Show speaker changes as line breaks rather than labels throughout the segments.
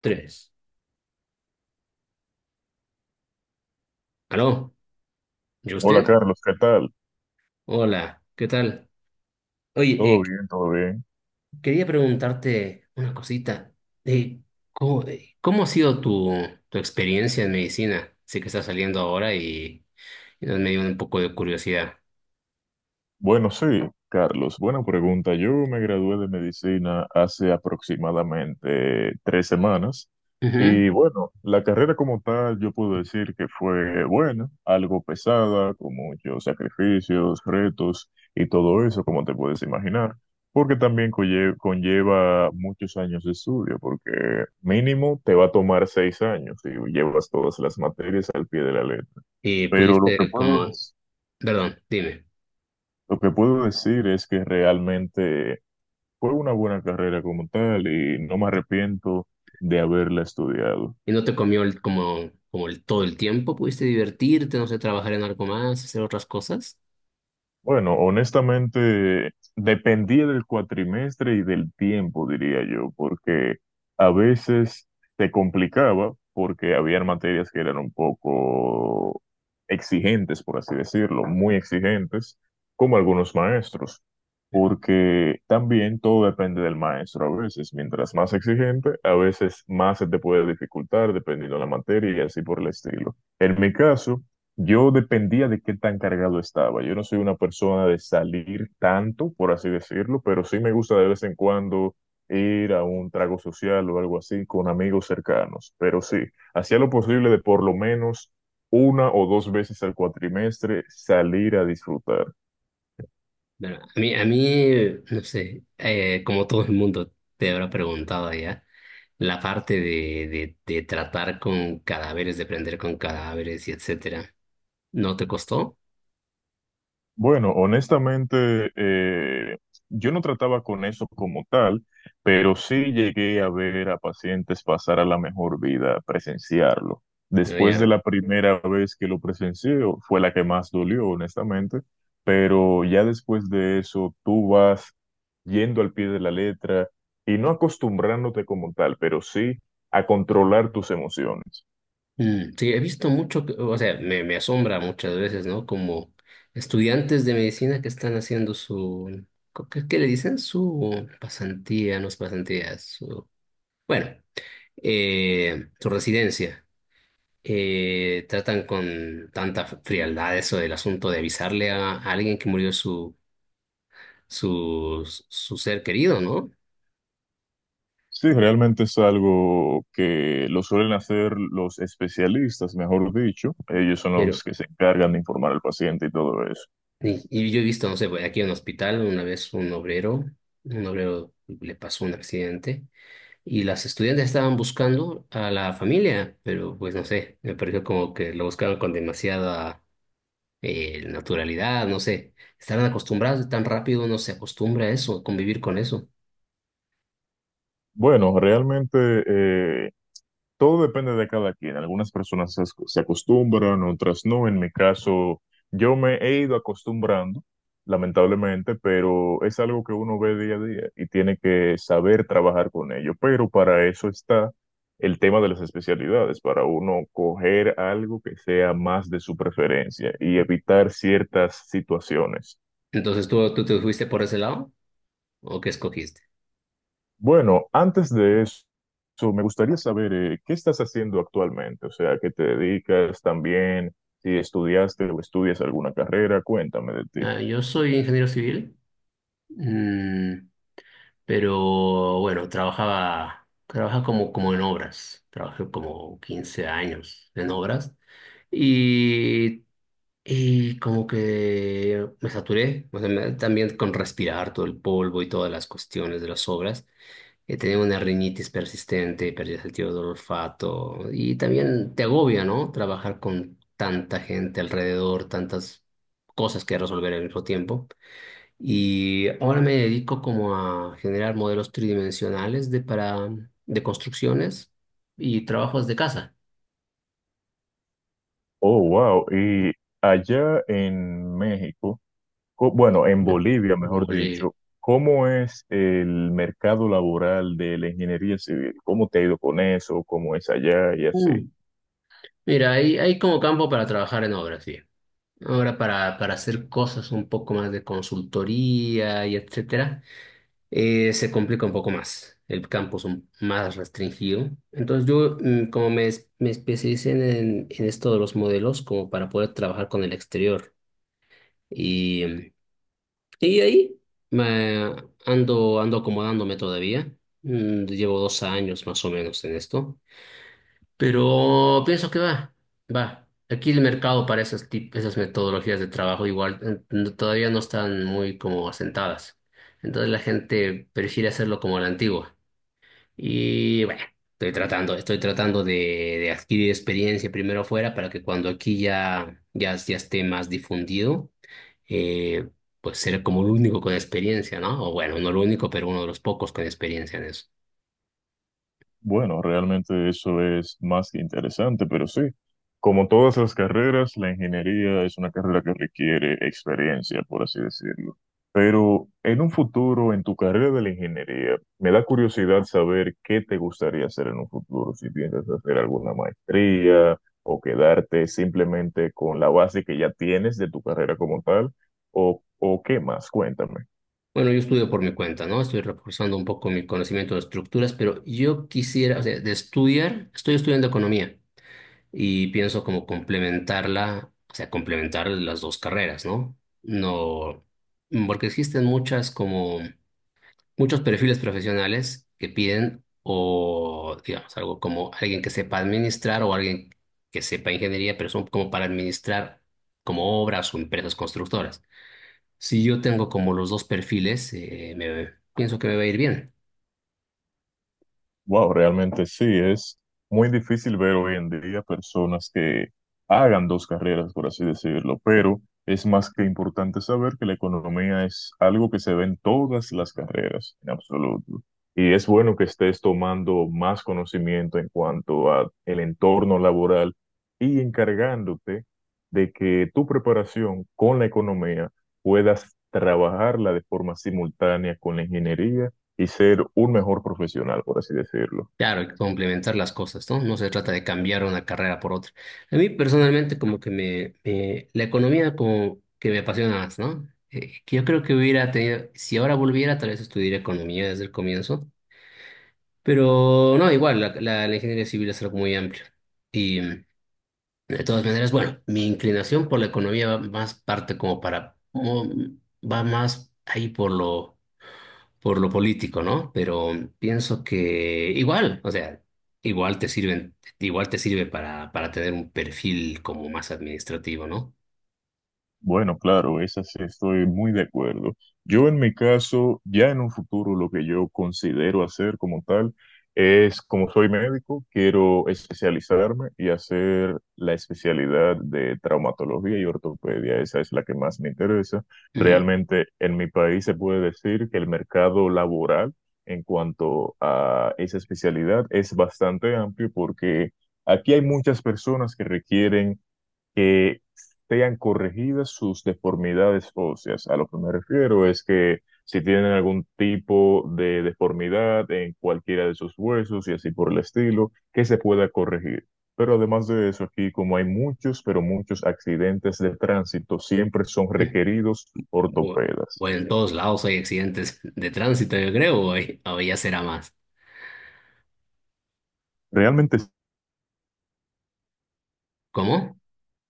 Tres. ¿Aló?
Hola
¿Justin?
Carlos, ¿qué tal?
Hola, ¿qué tal? Oye,
¿Todo bien? ¿Todo bien?
quería preguntarte una cosita. Eh, ¿Cómo, cómo ha sido tu experiencia en medicina? Sé que estás saliendo ahora y nos me dio un poco de curiosidad.
Bueno, sí, Carlos, buena pregunta. Yo me gradué de medicina hace aproximadamente 3 semanas
Ujú.
y bueno, la carrera como tal yo puedo decir que fue buena, algo pesada, con muchos sacrificios, retos y todo eso, como te puedes imaginar, porque también conlleva muchos años de estudio, porque mínimo te va a tomar 6 años y llevas todas las materias al pie de la letra.
Y
Pero
pudiste como, perdón, dime,
lo que puedo decir es que realmente fue una buena carrera como tal y no me arrepiento de haberla estudiado.
¿y no te comió como, todo el tiempo? ¿Pudiste divertirte, no sé, trabajar en algo más, hacer otras cosas?
Bueno, honestamente, dependía del cuatrimestre y del tiempo, diría yo, porque a veces se complicaba porque había materias que eran un poco exigentes, por así decirlo, muy exigentes, como algunos maestros, porque también todo depende del maestro a veces. Mientras más exigente, a veces más se te puede dificultar dependiendo de la materia y así por el estilo. En mi caso, yo dependía de qué tan cargado estaba. Yo no soy una persona de salir tanto, por así decirlo, pero sí me gusta de vez en cuando ir a un trago social o algo así con amigos cercanos. Pero sí, hacía lo posible de por lo menos una o dos veces al cuatrimestre salir a disfrutar.
Bueno, a mí, no sé, como todo el mundo te habrá preguntado ya, la parte de tratar con cadáveres, de aprender con cadáveres y etcétera, ¿no te costó?
Bueno, honestamente, yo no trataba con eso como tal, pero sí llegué a ver a pacientes pasar a la mejor vida, a presenciarlo.
No,
Después de
ya.
la primera vez que lo presencié, fue la que más dolió, honestamente, pero ya después de eso, tú vas yendo al pie de la letra y no acostumbrándote como tal, pero sí a controlar tus emociones.
Mm, sí, he visto mucho, o sea, me asombra muchas veces, ¿no? Como estudiantes de medicina que están haciendo su, qué le dicen? Su pasantía, no es pasantía, su, bueno, su residencia tratan con tanta frialdad eso del asunto de avisarle a alguien que murió su ser querido, ¿no?
Sí, realmente es algo que lo suelen hacer los especialistas, mejor dicho. Ellos son
Pero,
los que se encargan de informar al paciente y todo eso.
y yo he visto, no sé, pues, aquí en un hospital, una vez un obrero le pasó un accidente y las estudiantes estaban buscando a la familia, pero pues no sé, me pareció como que lo buscaron con demasiada naturalidad, no sé, estarán acostumbrados tan rápido uno se acostumbra a eso, a convivir con eso.
Bueno, realmente eh, Todo depende de cada quien. Algunas personas se acostumbran, otras no. En mi caso, yo me he ido acostumbrando, lamentablemente, pero es algo que uno ve día a día y tiene que saber trabajar con ello. Pero para eso está el tema de las especialidades, para uno coger algo que sea más de su preferencia y evitar ciertas situaciones.
Entonces, tú te fuiste por ese lado? ¿O qué escogiste?
Bueno, antes de eso, so, me gustaría saber qué estás haciendo actualmente, o sea, qué te dedicas también, si estudiaste o estudias alguna carrera, cuéntame de ti.
Ah, yo soy ingeniero civil, mm, pero bueno, trabajaba como, como en obras. Trabajé como 15 años en obras y, y como que me saturé, o sea, también con respirar todo el polvo y todas las cuestiones de las obras, que te dé una rinitis persistente, pérdida del sentido del olfato y también te agobia, ¿no? Trabajar con tanta gente alrededor, tantas cosas que resolver al mismo tiempo. Y ahora me dedico como a generar modelos tridimensionales de para de construcciones y trabajos de casa,
Oh, wow, y allá en México, bueno, en
¿no?
Bolivia,
Como
mejor dicho, ¿cómo es el mercado laboral de la ingeniería civil? ¿Cómo te ha ido con eso? ¿Cómo es allá y así?
mm, mira, hay como campo para trabajar en obras, sí. Ahora para hacer cosas un poco más de consultoría y etcétera, se complica un poco más. El campo es más restringido. Entonces yo, mm, me especialicé en esto de los modelos, como para poder trabajar con el exterior. Y, mm, y ahí me ando, ando acomodándome todavía. Mm, llevo 2 años más o menos en esto. Pero pienso que va, va. Aquí el mercado para esas metodologías de trabajo igual todavía no están muy como asentadas. Entonces la gente prefiere hacerlo como a la antigua. Y bueno, estoy tratando de adquirir experiencia primero afuera para que cuando aquí ya esté más difundido, eh, pues ser como el único con experiencia, ¿no? O bueno, no el único, pero uno de los pocos con experiencia en eso.
Bueno, realmente eso es más que interesante, pero sí, como todas las carreras, la ingeniería es una carrera que requiere experiencia, por así decirlo. Pero en un futuro, en tu carrera de la ingeniería, me da curiosidad saber qué te gustaría hacer en un futuro, si piensas hacer alguna maestría o quedarte simplemente con la base que ya tienes de tu carrera como tal, o qué más, cuéntame.
Bueno, yo estudio por mi cuenta, ¿no? Estoy reforzando un poco mi conocimiento de estructuras, pero yo quisiera, o sea, de estudiar, estoy estudiando economía y pienso como complementarla, o sea, complementar las dos carreras, ¿no? No, porque existen muchas como muchos perfiles profesionales que piden o, digamos, algo como alguien que sepa administrar o alguien que sepa ingeniería, pero son como para administrar como obras o empresas constructoras. Si yo tengo como los dos perfiles, pienso que me va a ir bien.
Wow, realmente sí, es muy difícil ver hoy en día personas que hagan dos carreras, por así decirlo, pero es más que importante saber que la economía es algo que se ve en todas las carreras, en absoluto. Y es bueno que estés tomando más conocimiento en cuanto a el entorno laboral y encargándote de que tu preparación con la economía puedas trabajarla de forma simultánea con la ingeniería y ser un mejor profesional, por así decirlo.
Claro, hay complementar las cosas, ¿no? No se trata de cambiar una carrera por otra. A mí personalmente como que la economía como que me apasiona más, ¿no? Que yo creo que hubiera tenido, si ahora volviera, tal vez estudiaría economía desde el comienzo, pero no, igual, la ingeniería civil es algo muy amplio. Y mm, de todas maneras, bueno, mi inclinación por la economía va más parte como para, como, mm, va más ahí por lo político, ¿no? Pero pienso que igual, o sea, igual te sirven, igual te sirve para tener un perfil como más administrativo, ¿no?
Bueno, claro, esa sí estoy muy de acuerdo. Yo en mi caso, ya en un futuro lo que yo considero hacer como tal es, como soy médico, quiero especializarme y hacer la especialidad de traumatología y ortopedia. Esa es la que más me interesa.
Ujú.
Realmente en mi país se puede decir que el mercado laboral en cuanto a esa especialidad es bastante amplio porque aquí hay muchas personas que requieren que sean corregidas sus deformidades óseas. A lo que me refiero es que si tienen algún tipo de deformidad en cualquiera de sus huesos y así por el estilo, que se pueda corregir. Pero además de eso, aquí como hay muchos, pero muchos accidentes de tránsito, siempre son requeridos
O,
ortopedas.
o en todos lados hay accidentes de tránsito, yo creo, o, o ya será más.
Realmente
¿Cómo?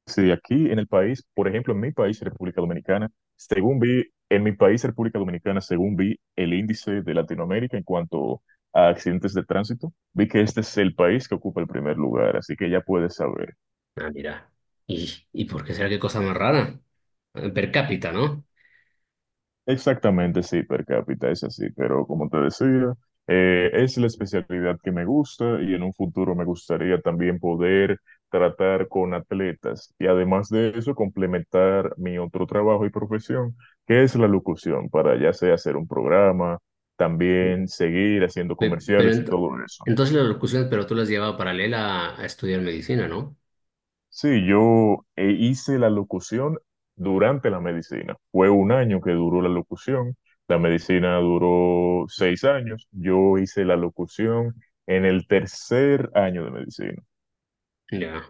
Sí, aquí en el país, por ejemplo, en mi país, República Dominicana, según vi el índice de Latinoamérica en cuanto a accidentes de tránsito, vi que este es el país que ocupa el primer lugar, así que ya puedes saber.
Ah, mira. Y por qué será qué cosa más rara? Per cápita, ¿no?
Exactamente, sí, per cápita es así, pero como te decía, es la especialidad que me gusta y en un futuro me gustaría también poder tratar con atletas y además de eso complementar mi otro trabajo y profesión, que es la locución, para ya sea hacer un programa,
Sí.
también seguir haciendo
Pe- Pero,
comerciales y
ent-
todo eso.
entonces las locuciones, pero tú las llevabas paralela a estudiar medicina, ¿no?
Sí, yo hice la locución durante la medicina. Fue un año que duró la locución. La medicina duró 6 años. Yo hice la locución en el tercer año de medicina.
Ya,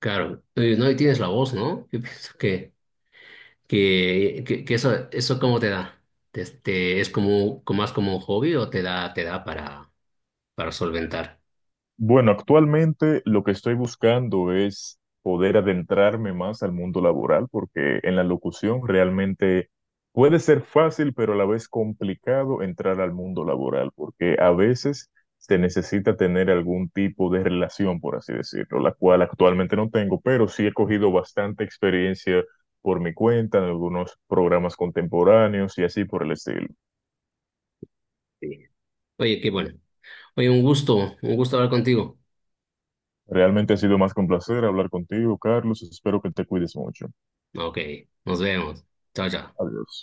claro. Oye, no, y tienes la voz, ¿no? Yo pienso que eso, ¿eso cómo te da? Este, ¿es como, como más como un hobby o te da para solventar?
Bueno, actualmente lo que estoy buscando es poder adentrarme más al mundo laboral, porque en la locución realmente puede ser fácil, pero a la vez complicado entrar al mundo laboral, porque a veces se necesita tener algún tipo de relación, por así decirlo, la cual actualmente no tengo, pero sí he cogido bastante experiencia por mi cuenta en algunos programas contemporáneos y así por el estilo.
Sí. Oye, qué bueno. Oye, un gusto hablar contigo.
Realmente ha sido más que un placer hablar contigo, Carlos. Espero que te cuides mucho.
Ok, nos vemos. Chao, chao.
Adiós.